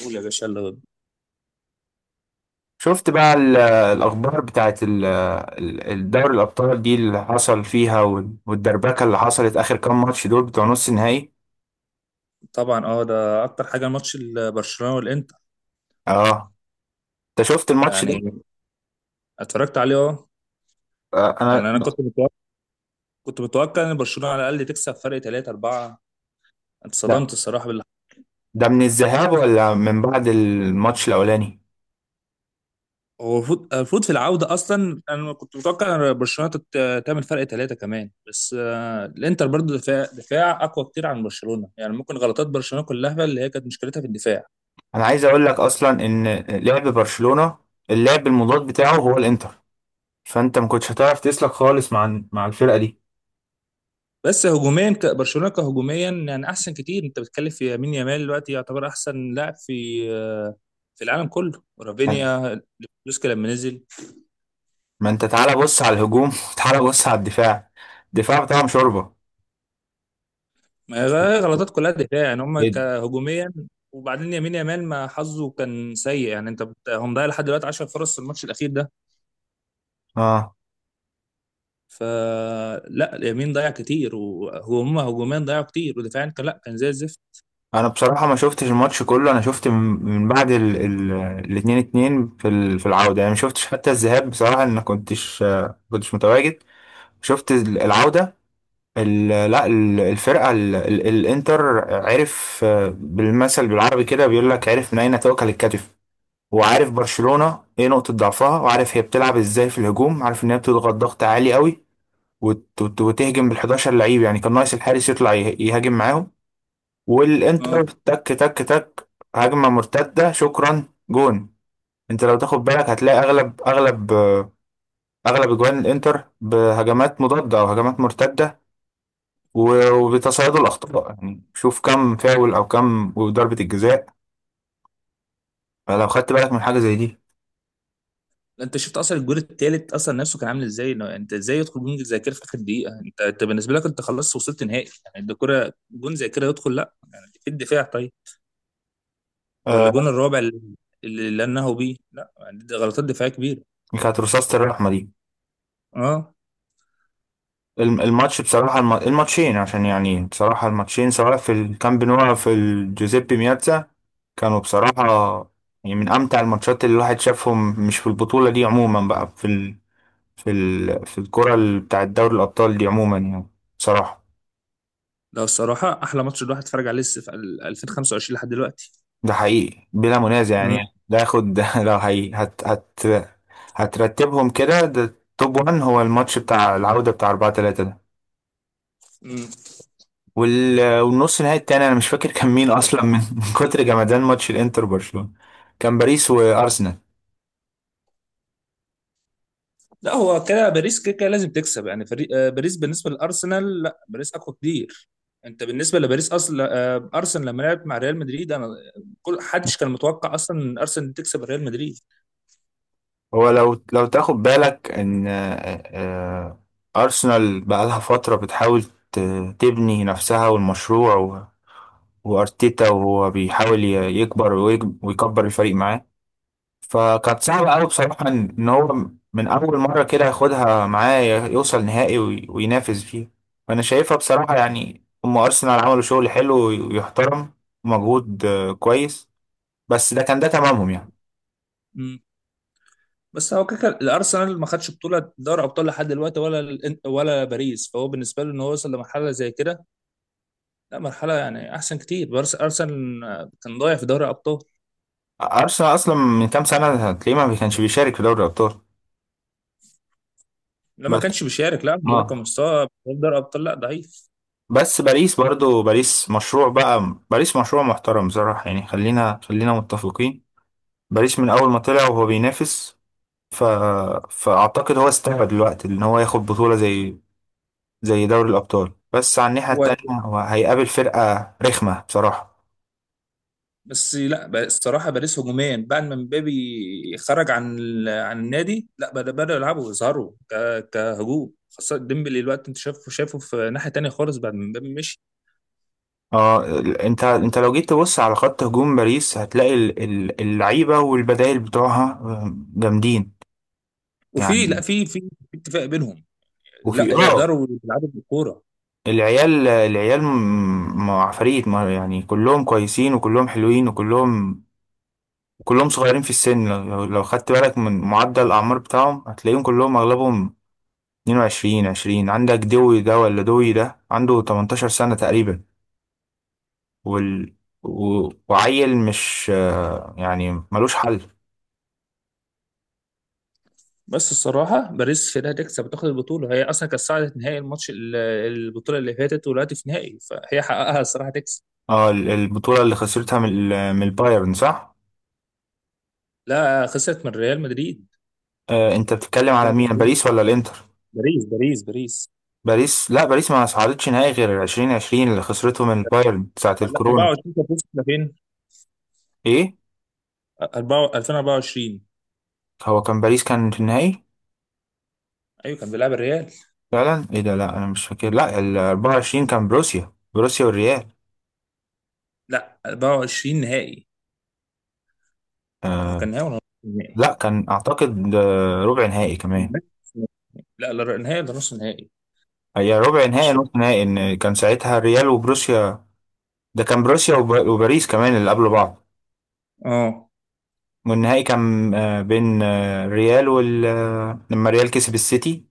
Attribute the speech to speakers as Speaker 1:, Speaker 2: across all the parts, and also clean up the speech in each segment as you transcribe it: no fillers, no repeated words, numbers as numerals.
Speaker 1: قول يا باشا يلا بينا.
Speaker 2: شفت بقى الأخبار بتاعت الدوري الأبطال دي اللي حصل فيها والدربكة اللي حصلت آخر كام ماتش دول بتوع نص النهائي.
Speaker 1: طبعا، ده اكتر حاجه ماتش برشلونه والانتر.
Speaker 2: اه، انت شفت الماتش
Speaker 1: يعني
Speaker 2: ده؟
Speaker 1: اتفرجت عليه، اه.
Speaker 2: آه انا.
Speaker 1: يعني انا كنت متوقع، كنت متوقع ان برشلونه على الاقل تكسب فرق 3 4.
Speaker 2: لا،
Speaker 1: اتصدمت الصراحه باللي حصل.
Speaker 2: ده من الذهاب ولا من بعد الماتش الأولاني؟
Speaker 1: هو المفروض، في العوده اصلا انا كنت متوقع ان برشلونه تعمل فرق 3 كمان، بس الانتر برضو دفاع دفاع اقوى كتير عن برشلونه، يعني ممكن غلطات برشلونه كلها اللي هي كانت مشكلتها في الدفاع.
Speaker 2: انا عايز اقول لك اصلا ان لعب برشلونة، اللعب المضاد بتاعه هو الانتر. فانت ما كنتش هتعرف تسلك خالص مع الفرقة دي.
Speaker 1: بس هجوميا، برشلونه كهجوميا يعني احسن كتير. انت بتتكلم في يمين يامال، دلوقتي يعتبر احسن لاعب في في العالم كله. رافينيا، ليفاندوسكي لما نزل.
Speaker 2: ما انت تعالى بص على الهجوم وتعالى بص على الدفاع. الدفاع بتاعهم شوربة.
Speaker 1: ما هي غلطات كلها دفاع، يعني هم
Speaker 2: إيه؟ ده؟
Speaker 1: كهجوميا. وبعدين يمين يامال ما حظه كان سيء، يعني انت هو مضيع لحد دلوقتي 10 فرص في الماتش الاخير ده.
Speaker 2: اه،
Speaker 1: فلا اليمين ضيع كتير، وهم هجوميا ضيعوا كتير، ودفاعيا كان، لا كان زي الزفت.
Speaker 2: انا بصراحه ما شفتش الماتش كله. انا شفت من من بعد ال ال الاتنين اتنين في في العوده، يعني ما شفتش حتى الذهاب بصراحه. انا كنتش كنتش متواجد. شفت العوده. ال لا ال- الفرقه ال ال الانتر عرف. بالمثل بالعربي كده بيقول لك: عرف من اين تؤكل الكتف. وعارف برشلونه ايه نقطه ضعفها، وعارف هي بتلعب ازاي في الهجوم، عارف ان هي بتضغط ضغط عالي قوي، وتهجم بال11 لعيب. يعني كان ناقص الحارس يطلع يهاجم معاهم. والانتر تك تك تك، هجمة مرتدة شكرا جون. انت لو تاخد بالك هتلاقي اغلب اغلب اغلب اجوان الانتر بهجمات مضادة او هجمات مرتدة، وبتصيد الاخطاء. يعني شوف كم فاول او كم ضربة الجزاء لو خدت بالك من حاجة زي دي.
Speaker 1: انت شفت اصلا الجول التالت اصلا نفسه كان عامل ازاي، إنه انت ازاي يدخل جون زي كده في اخر دقيقه؟ انت، بالنسبه لك انت خلاص وصلت نهائي، يعني انت كره جون زي كده يدخل، لا يعني في الدفاع طيب؟ ولا
Speaker 2: آه،
Speaker 1: الجون الرابع اللي انهوا بيه، لا يعني دي غلطات دفاعيه كبيره.
Speaker 2: كانت رصاصة الرحمة دي.
Speaker 1: اه،
Speaker 2: الماتش بصراحة، الماتشين عشان يعني بصراحة الماتشين سواء في الكامب نو أو في الجوزيبي مياتزا، كانوا بصراحة يعني من أمتع الماتشات اللي الواحد شافهم. مش في البطولة دي عموما بقى، في في الكرة بتاع دوري الأبطال دي عموما يعني. بصراحة
Speaker 1: ده الصراحه احلى ماتش الواحد اتفرج عليه، في 2025 لحد دلوقتي.
Speaker 2: ده حقيقي بلا منازع يعني. ده ياخد ده لو حقيقي هترتبهم كده، ده توب 1 هو الماتش بتاع العودة بتاع 4-3 ده.
Speaker 1: مم.
Speaker 2: والنص نهائي التاني أنا مش فاكر كان مين أصلا من من كتر جمدان ماتش الإنتر برشلونة. كان باريس وأرسنال.
Speaker 1: لا هو كده باريس كده كده لازم تكسب، يعني فريق باريس بالنسبه للارسنال، لا باريس اقوى كتير. انت بالنسبه لباريس اصلا، ارسنال لما لعبت مع ريال مدريد، انا كل حدش كان متوقع اصلا ان ارسنال تكسب ريال مدريد.
Speaker 2: هو لو تاخد بالك ان آه، ارسنال بقالها فتره بتحاول ت- تبني نفسها والمشروع، وارتيتا وهو بيحاول يكبر ويكبر الفريق معاه. فكانت صعبه قوي بصراحه ان هو من اول مره كده ياخدها معاه يوصل نهائي وينافس فيه. فانا شايفها بصراحه، يعني هم ارسنال عملوا شغل حلو ويحترم ومجهود كويس. بس ده كان ده تمامهم يعني.
Speaker 1: مم. بس هو كده كده الارسنال ما خدش بطوله دوري ابطال لحد دلوقتي، ولا ولا باريس، فهو بالنسبه له ان هو وصل لمرحله زي كده، لا مرحله يعني احسن كتير. باريس، ارسنال كان ضايع في دوري ابطال.
Speaker 2: أرسنال أصلا من كام سنة هتلاقيه ما كانش بيشارك في دوري الأبطال.
Speaker 1: لما
Speaker 2: بس
Speaker 1: كانش بيشارك، لا برقم
Speaker 2: اه.
Speaker 1: مستوى في دوري ابطال لا ضعيف.
Speaker 2: بس باريس برضو، باريس مشروع بقى. باريس مشروع محترم بصراحة يعني. خلينا خلينا متفقين، باريس من أول ما طلع وهو بينافس. ف... فأعتقد هو استوعب دلوقتي إن هو ياخد بطولة زي دوري الأبطال، بس على الناحية التانية هو هيقابل فرقة رخمة بصراحة.
Speaker 1: بس لا، الصراحه باريس هجوميا، بعد ما مبابي خرج عن عن النادي، لا بداوا يلعبوا يظهروا كهجوم، خاصه ديمبلي الوقت انت شايفه، شايفه في ناحيه تانية خالص بعد ما مبابي مشي.
Speaker 2: اه، انت لو جيت تبص على خط هجوم باريس هتلاقي اللعيبة والبدائل بتوعها جامدين
Speaker 1: وفي لا
Speaker 2: يعني.
Speaker 1: في في في اتفاق بينهم لا
Speaker 2: وفي اه.
Speaker 1: يقدروا يلعبوا بالكوره.
Speaker 2: العيال العيال عفاريت، يعني كلهم كويسين وكلهم حلوين وكللهم كلهم صغيرين في السن. لو خدت بالك من معدل الأعمار بتاعهم هتلاقيهم كلهم أغلبهم 22 20. عندك دوي ده ولا دوي ده عنده 18 سنة تقريبا. وال... وعيل مش يعني ملوش حل.
Speaker 1: بس الصراحه باريس كده هتكسب وتاخد البطوله، هي اصلا كانت صعدت نهائي الماتش، البطوله اللي فاتت، ودلوقتي في نهائي، فهي حققها الصراحه تكسب.
Speaker 2: اه، البطولة اللي خسرتها من من البايرن صح؟
Speaker 1: لا خسرت من ريال مدريد.
Speaker 2: انت بتتكلم
Speaker 1: فرق.
Speaker 2: على مين، باريس ولا الانتر؟
Speaker 1: باريس باريس.
Speaker 2: باريس، لا باريس ما صعدتش نهائي غير 2020 اللي خسرته من بايرن ساعة
Speaker 1: لا
Speaker 2: الكورونا.
Speaker 1: 24 كانت وصلت لفين؟
Speaker 2: ايه.
Speaker 1: 2024.
Speaker 2: هو كان باريس كان في النهائي.
Speaker 1: ايوه كان بيلعب الريال.
Speaker 2: فعلا، ايه ده؟ لا انا مش فاكر. لا، ال 24 كان بروسيا، بروسيا والريال.
Speaker 1: لا 24 نهائي. هو
Speaker 2: آه
Speaker 1: كان نهائي ولا نص نهائي؟
Speaker 2: لا، كان اعتقد ربع نهائي كمان.
Speaker 1: لا لا، نهائي ولا نص نهائي؟
Speaker 2: هي ربع
Speaker 1: مش
Speaker 2: نهائي
Speaker 1: فاكر.
Speaker 2: نص نهائي، ان كان ساعتها الريال وبروسيا. ده كان بروسيا وباريس كمان اللي قبل بعض.
Speaker 1: اه.
Speaker 2: والنهائي كان بين الريال وال آه، لما الريال كسب السيتي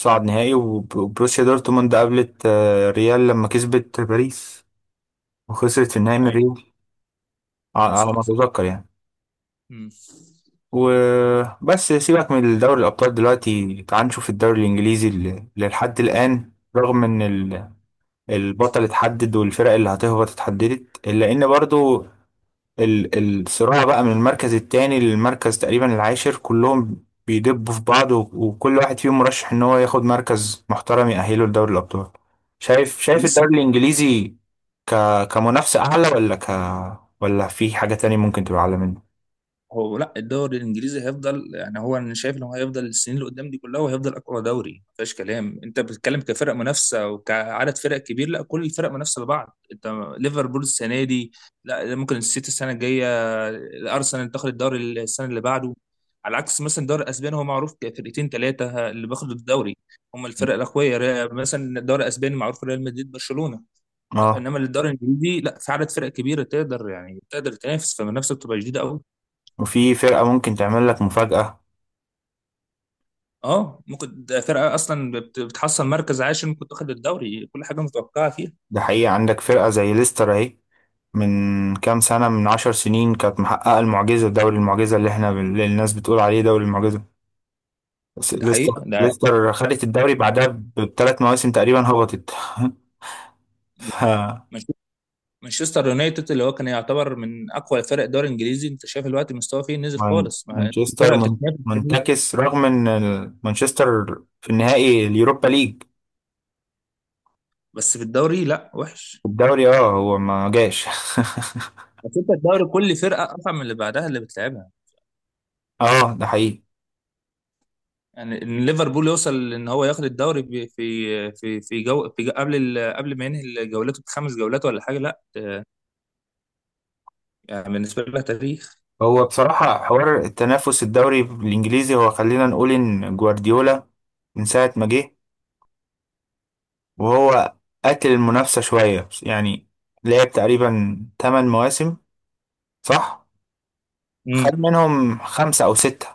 Speaker 2: صعد نهائي، وبروسيا دورتموند قابلت ريال لما كسبت باريس، وخسرت في النهائي من
Speaker 1: ايوه.
Speaker 2: ريال،
Speaker 1: لا
Speaker 2: على ما
Speaker 1: صح صح.
Speaker 2: اتذكر يعني.
Speaker 1: امم
Speaker 2: وبس سيبك من دوري الابطال دلوقتي، تعال نشوف الدوري الانجليزي اللي لحد الان رغم ان البطل اتحدد والفرق اللي هتهبط اتحددت، الا ان برضو الصراع بقى من المركز التاني للمركز تقريبا العاشر، كلهم بيدبوا في بعض، وكل واحد فيهم مرشح ان هو ياخد مركز محترم يأهله لدوري الأبطال. شايف
Speaker 1: هو
Speaker 2: شايف
Speaker 1: لسه،
Speaker 2: الدوري الإنجليزي ك كمنافسة أعلى، ولا في حاجة تانية ممكن تبقى أعلى منه؟
Speaker 1: لا الدوري الانجليزي هيفضل، يعني هو انا شايف ان هو هيفضل السنين اللي قدام دي كلها، وهيفضل اقوى دوري ما فيهاش كلام. انت بتتكلم كفرق منافسه وكعدد فرق كبير، لا كل الفرق منافسه لبعض. انت ليفربول السنه دي، لا ممكن السيتي السنه الجايه، الارسنال تاخد الدوري السنه اللي بعده. على عكس مثلا الدوري الاسباني، هو معروف كفرقتين ثلاثه اللي بياخدوا الدوري، هم الفرق الاقوياء. مثلا الدوري الاسباني معروف ريال مدريد برشلونه. لا
Speaker 2: اه.
Speaker 1: انما الدوري الانجليزي لا، في عدد فرق كبيره تقدر يعني تقدر تنافس، فالمنافسه بتبقى جديده قوي.
Speaker 2: وفي فرقة ممكن تعمل لك مفاجأة.
Speaker 1: اه ممكن، ده فرقه اصلا بتحصل مركز عاشر ممكن تاخد الدوري، كل حاجه متوقعه فيها.
Speaker 2: ده حقيقة عندك فرقة زي ليستر اهي، من كام سنة، من 10 سنين كانت محققة المعجزة، دوري المعجزة اللي احنا، اللي الناس بتقول عليه دوري المعجزة. بس
Speaker 1: ده
Speaker 2: ليستر،
Speaker 1: حقيقه ده.
Speaker 2: ليستر خدت الدوري بعدها ب3 مواسم تقريبا هبطت ف
Speaker 1: مانش- مانشستر يونايتد اللي هو كان يعتبر من اقوى فرق الدوري الانجليزي، انت شايف الوقت مستواه فيه نزل خالص، ما
Speaker 2: مانشستر
Speaker 1: الفرقه بتتنافس كتير.
Speaker 2: منتكس رغم ان مانشستر في النهائي اليوروبا ليج.
Speaker 1: بس في الدوري لا وحش.
Speaker 2: الدوري اه هو ما جاش
Speaker 1: بس انت الدوري كل فرقه اصعب من اللي بعدها اللي بتلعبها.
Speaker 2: اه ده حقيقي.
Speaker 1: يعني ان ليفربول يوصل ان هو ياخد الدوري، في جو، في جو قبل قبل ما ينهي جولته بخمس جولات ولا حاجه، لا يعني بالنسبه لها تاريخ.
Speaker 2: هو بصراحة حوار التنافس الدوري الانجليزي هو، خلينا نقول ان جوارديولا من ساعة ما جه وهو قتل المنافسة شوية يعني. لعب تقريبا 8 مواسم صح؟
Speaker 1: مم.
Speaker 2: خد منهم خمسة أو ستة.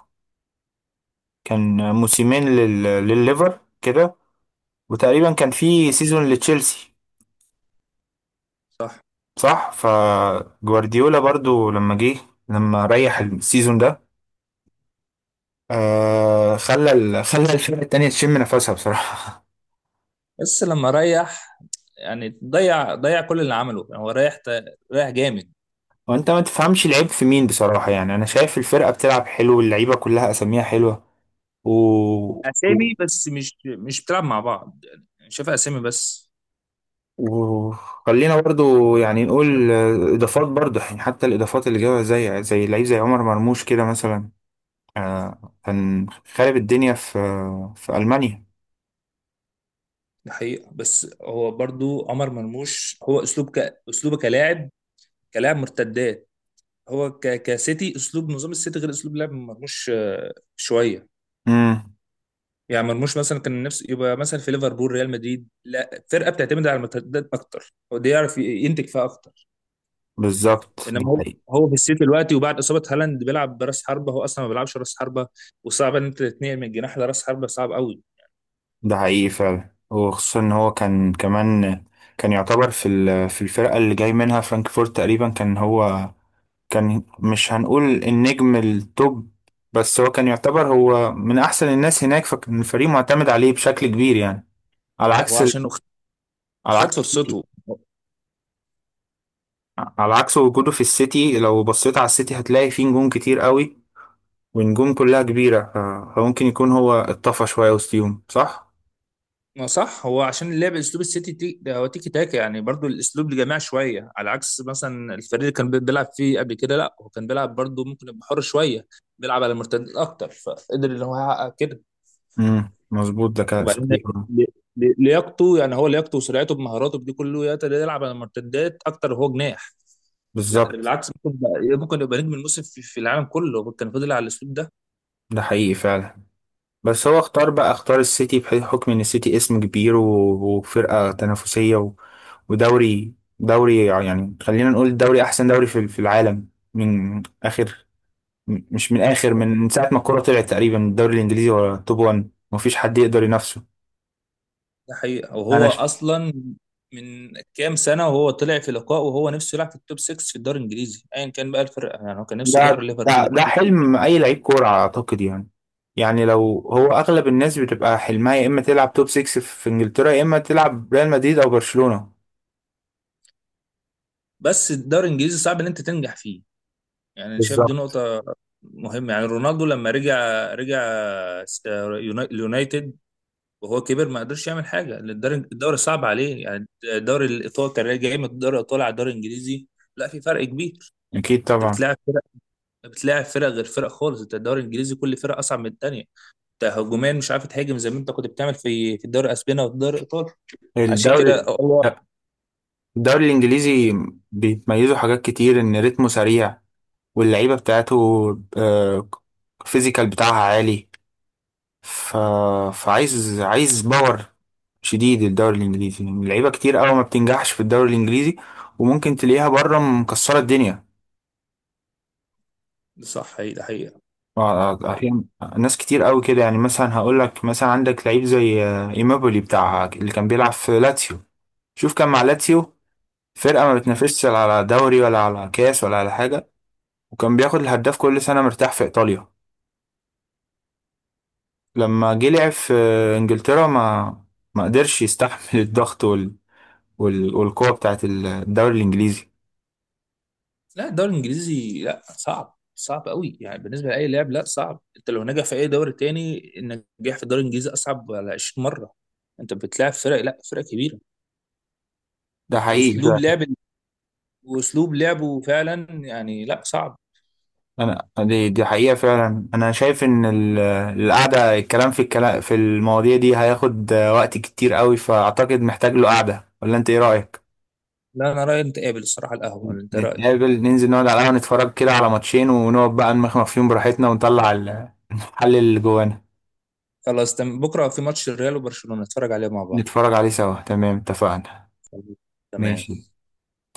Speaker 2: كان موسمين للليفر كده، وتقريبا كان في سيزون لتشيلسي صح. فجوارديولا برضو لما جه، لما ريح السيزون ده، آه خلى خلى الفرقة التانية تشم نفسها بصراحة.
Speaker 1: بس لما ريح، يعني ضيع، كل اللي عمله، يعني هو رايح، رايح جامد.
Speaker 2: وانت ما تفهمش العيب في مين بصراحة. يعني انا شايف الفرقة بتلعب حلو، اللعيبة كلها اساميها حلوة و... و...
Speaker 1: اسامي بس، مش بتلعب مع بعض، يعني شايف اسامي بس.
Speaker 2: وخلينا برضو يعني نقول اضافات. برضو يعني حتى الاضافات اللي جابها زي لعيب زي عمر مرموش كده مثلا، كان خارب الدنيا في ألمانيا.
Speaker 1: دي حقيقة، بس هو برضو عمر مرموش هو اسلوب اسلوبه كلاعب، كلاعب مرتدات. هو كسيتي اسلوب نظام السيتي غير اسلوب لعب مرموش شوية.
Speaker 2: امم
Speaker 1: يعني مرموش مثلا كان نفسه يبقى مثلا في ليفربول ريال مدريد، لا فرقة بتعتمد على المرتدات اكتر، هو ده يعرف ينتج فيها اكتر.
Speaker 2: بالظبط ده
Speaker 1: انما هو،
Speaker 2: حقيقي.
Speaker 1: في السيتي دلوقتي وبعد اصابه هالاند بيلعب براس حربه، هو اصلا ما بيلعبش راس حربه، وصعب ان انت تتنقل من جناح لراس حربه، صعب قوي.
Speaker 2: ده حقيقي فعلا. وخصوصا ان هو كان كمان، كان يعتبر في في الفرقة اللي جاي منها فرانكفورت تقريبا. كان هو كان مش هنقول النجم التوب، بس هو كان يعتبر هو من احسن الناس هناك، فكان الفريق معتمد عليه بشكل كبير يعني. على
Speaker 1: وهو
Speaker 2: عكس
Speaker 1: عشان
Speaker 2: على
Speaker 1: خد
Speaker 2: عكس السيتي.
Speaker 1: فرصته.
Speaker 2: على عكس وجوده في السيتي، لو بصيت على السيتي هتلاقي فيه نجوم كتير قوي، ونجوم كلها كبيرة. فممكن يكون هو اتطفى شوية وسطيهم صح؟
Speaker 1: ما صح، هو عشان اللعب اسلوب السيتي ده هو تيكي تاكا، يعني برضو الاسلوب لجماعي شويه، على عكس مثلا الفريق اللي كان بيلعب فيه قبل كده، لا هو كان بيلعب برضو ممكن يبقى حر شويه، بيلعب على المرتدات اكتر، فقدر ان هو يحقق كده.
Speaker 2: مظبوط ده كان
Speaker 1: وبعدين
Speaker 2: صحيح.
Speaker 1: ل- لياقته، يعني هو لياقته وسرعته بمهاراته بدي كله يقدر يلعب على المرتدات اكتر وهو جناح. لا ده
Speaker 2: بالظبط
Speaker 1: بالعكس، ممكن يبقى، نجم الموسم في، العالم كله، كان فضل على الاسلوب ده.
Speaker 2: ده حقيقي فعلا. بس هو اختار بقى، اختار السيتي بحكم ان السيتي اسم كبير وفرقة تنافسية ودوري، يعني خلينا نقول دوري احسن دوري في العالم. من اخر، مش من اخر، من من ساعة ما الكورة طلعت تقريبا الدوري الانجليزي هو توب 1 مفيش حد يقدر ينافسه.
Speaker 1: ده حقيقه،
Speaker 2: انا،
Speaker 1: وهو اصلا من كام سنه وهو طلع في لقاء وهو نفسه يلعب في التوب 6 في الدوري الانجليزي، ايا كان بقى الفرق، يعني هو كان نفسه يروح
Speaker 2: ده ده
Speaker 1: ليفربول
Speaker 2: ده
Speaker 1: السيتي.
Speaker 2: حلم اي لعيب كوره اعتقد يعني. يعني لو، هو اغلب الناس بتبقى حلمها يا اما تلعب توب 6 في انجلترا، يا اما تلعب ريال مدريد او برشلونه.
Speaker 1: بس الدوري الانجليزي صعب ان انت تنجح فيه، يعني انا شايف دي
Speaker 2: بالظبط.
Speaker 1: نقطه مهمه. يعني رونالدو لما رجع، رجع اليونايتد وهو كبر، ما قدرش يعمل حاجه لأن الدوري، صعب عليه. يعني الدوري الايطالي كان جاي من الدوري الايطالي على الدوري الانجليزي، لا في فرق كبير.
Speaker 2: اكيد
Speaker 1: انت
Speaker 2: طبعا.
Speaker 1: بتلاعب، فرق غير فرق خالص، انت الدوري الانجليزي كل فرقه اصعب من الثانيه. انت هجوميا مش عارف تهاجم زي ما انت كنت بتعمل في، الدوري الاسباني او الدوري الايطالي، عشان
Speaker 2: الدوري
Speaker 1: كده الله.
Speaker 2: الدوري الانجليزي بيتميزوا حاجات كتير: ان رتمه سريع واللعيبه بتاعته آه، الفيزيكال بتاعها عالي. ف... فعايز، باور شديد الدوري الانجليزي. يعني لعيبه كتير قوي ما بتنجحش في الدوري الانجليزي، وممكن تلاقيها بره مكسره الدنيا.
Speaker 1: صح، ده حقيقه، ده حقيقه.
Speaker 2: أحيانا ناس كتير قوي كده. يعني مثلا هقول لك، مثلا عندك لعيب زي إيمابولي بتاع اللي كان بيلعب في لاتسيو. شوف كان مع لاتسيو، فرقة ما
Speaker 1: مم.
Speaker 2: بتنافسش لا على دوري ولا على كاس ولا على حاجة، وكان بياخد الهداف كل سنة مرتاح في إيطاليا. لما جه لعب في إنجلترا ما قدرش يستحمل الضغط والقوة بتاعت الدوري الإنجليزي.
Speaker 1: لا الدوري الانجليزي لا صعب، صعب قوي، يعني بالنسبه لاي لاعب لا صعب. انت لو نجح في اي دوري تاني، النجاح في الدوري الانجليزي اصعب على 20 مره. انت بتلاعب فرق، لا فرق كبيره،
Speaker 2: ده حقيقي.
Speaker 1: واسلوب لعب، واسلوب لعبه فعلا، يعني لا صعب.
Speaker 2: انا، دي حقيقة فعلا. انا شايف ان القعدة، الكلام في المواضيع دي هياخد وقت كتير قوي، فاعتقد محتاج له قعدة ولا انت ايه رأيك؟
Speaker 1: لا انا رايي انت قابل الصراحه القهوه، انت رايك؟
Speaker 2: نتقابل ننزل نقعد على القهوة، نتفرج كده على ماتشين ونقعد بقى نمخمخ فيهم براحتنا ونطلع. المحل اللي جوانا
Speaker 1: خلاص تمام، بكره في ماتش الريال وبرشلونه نتفرج عليه مع بعض.
Speaker 2: نتفرج عليه سوا. تمام اتفقنا. ماشي.
Speaker 1: تمام.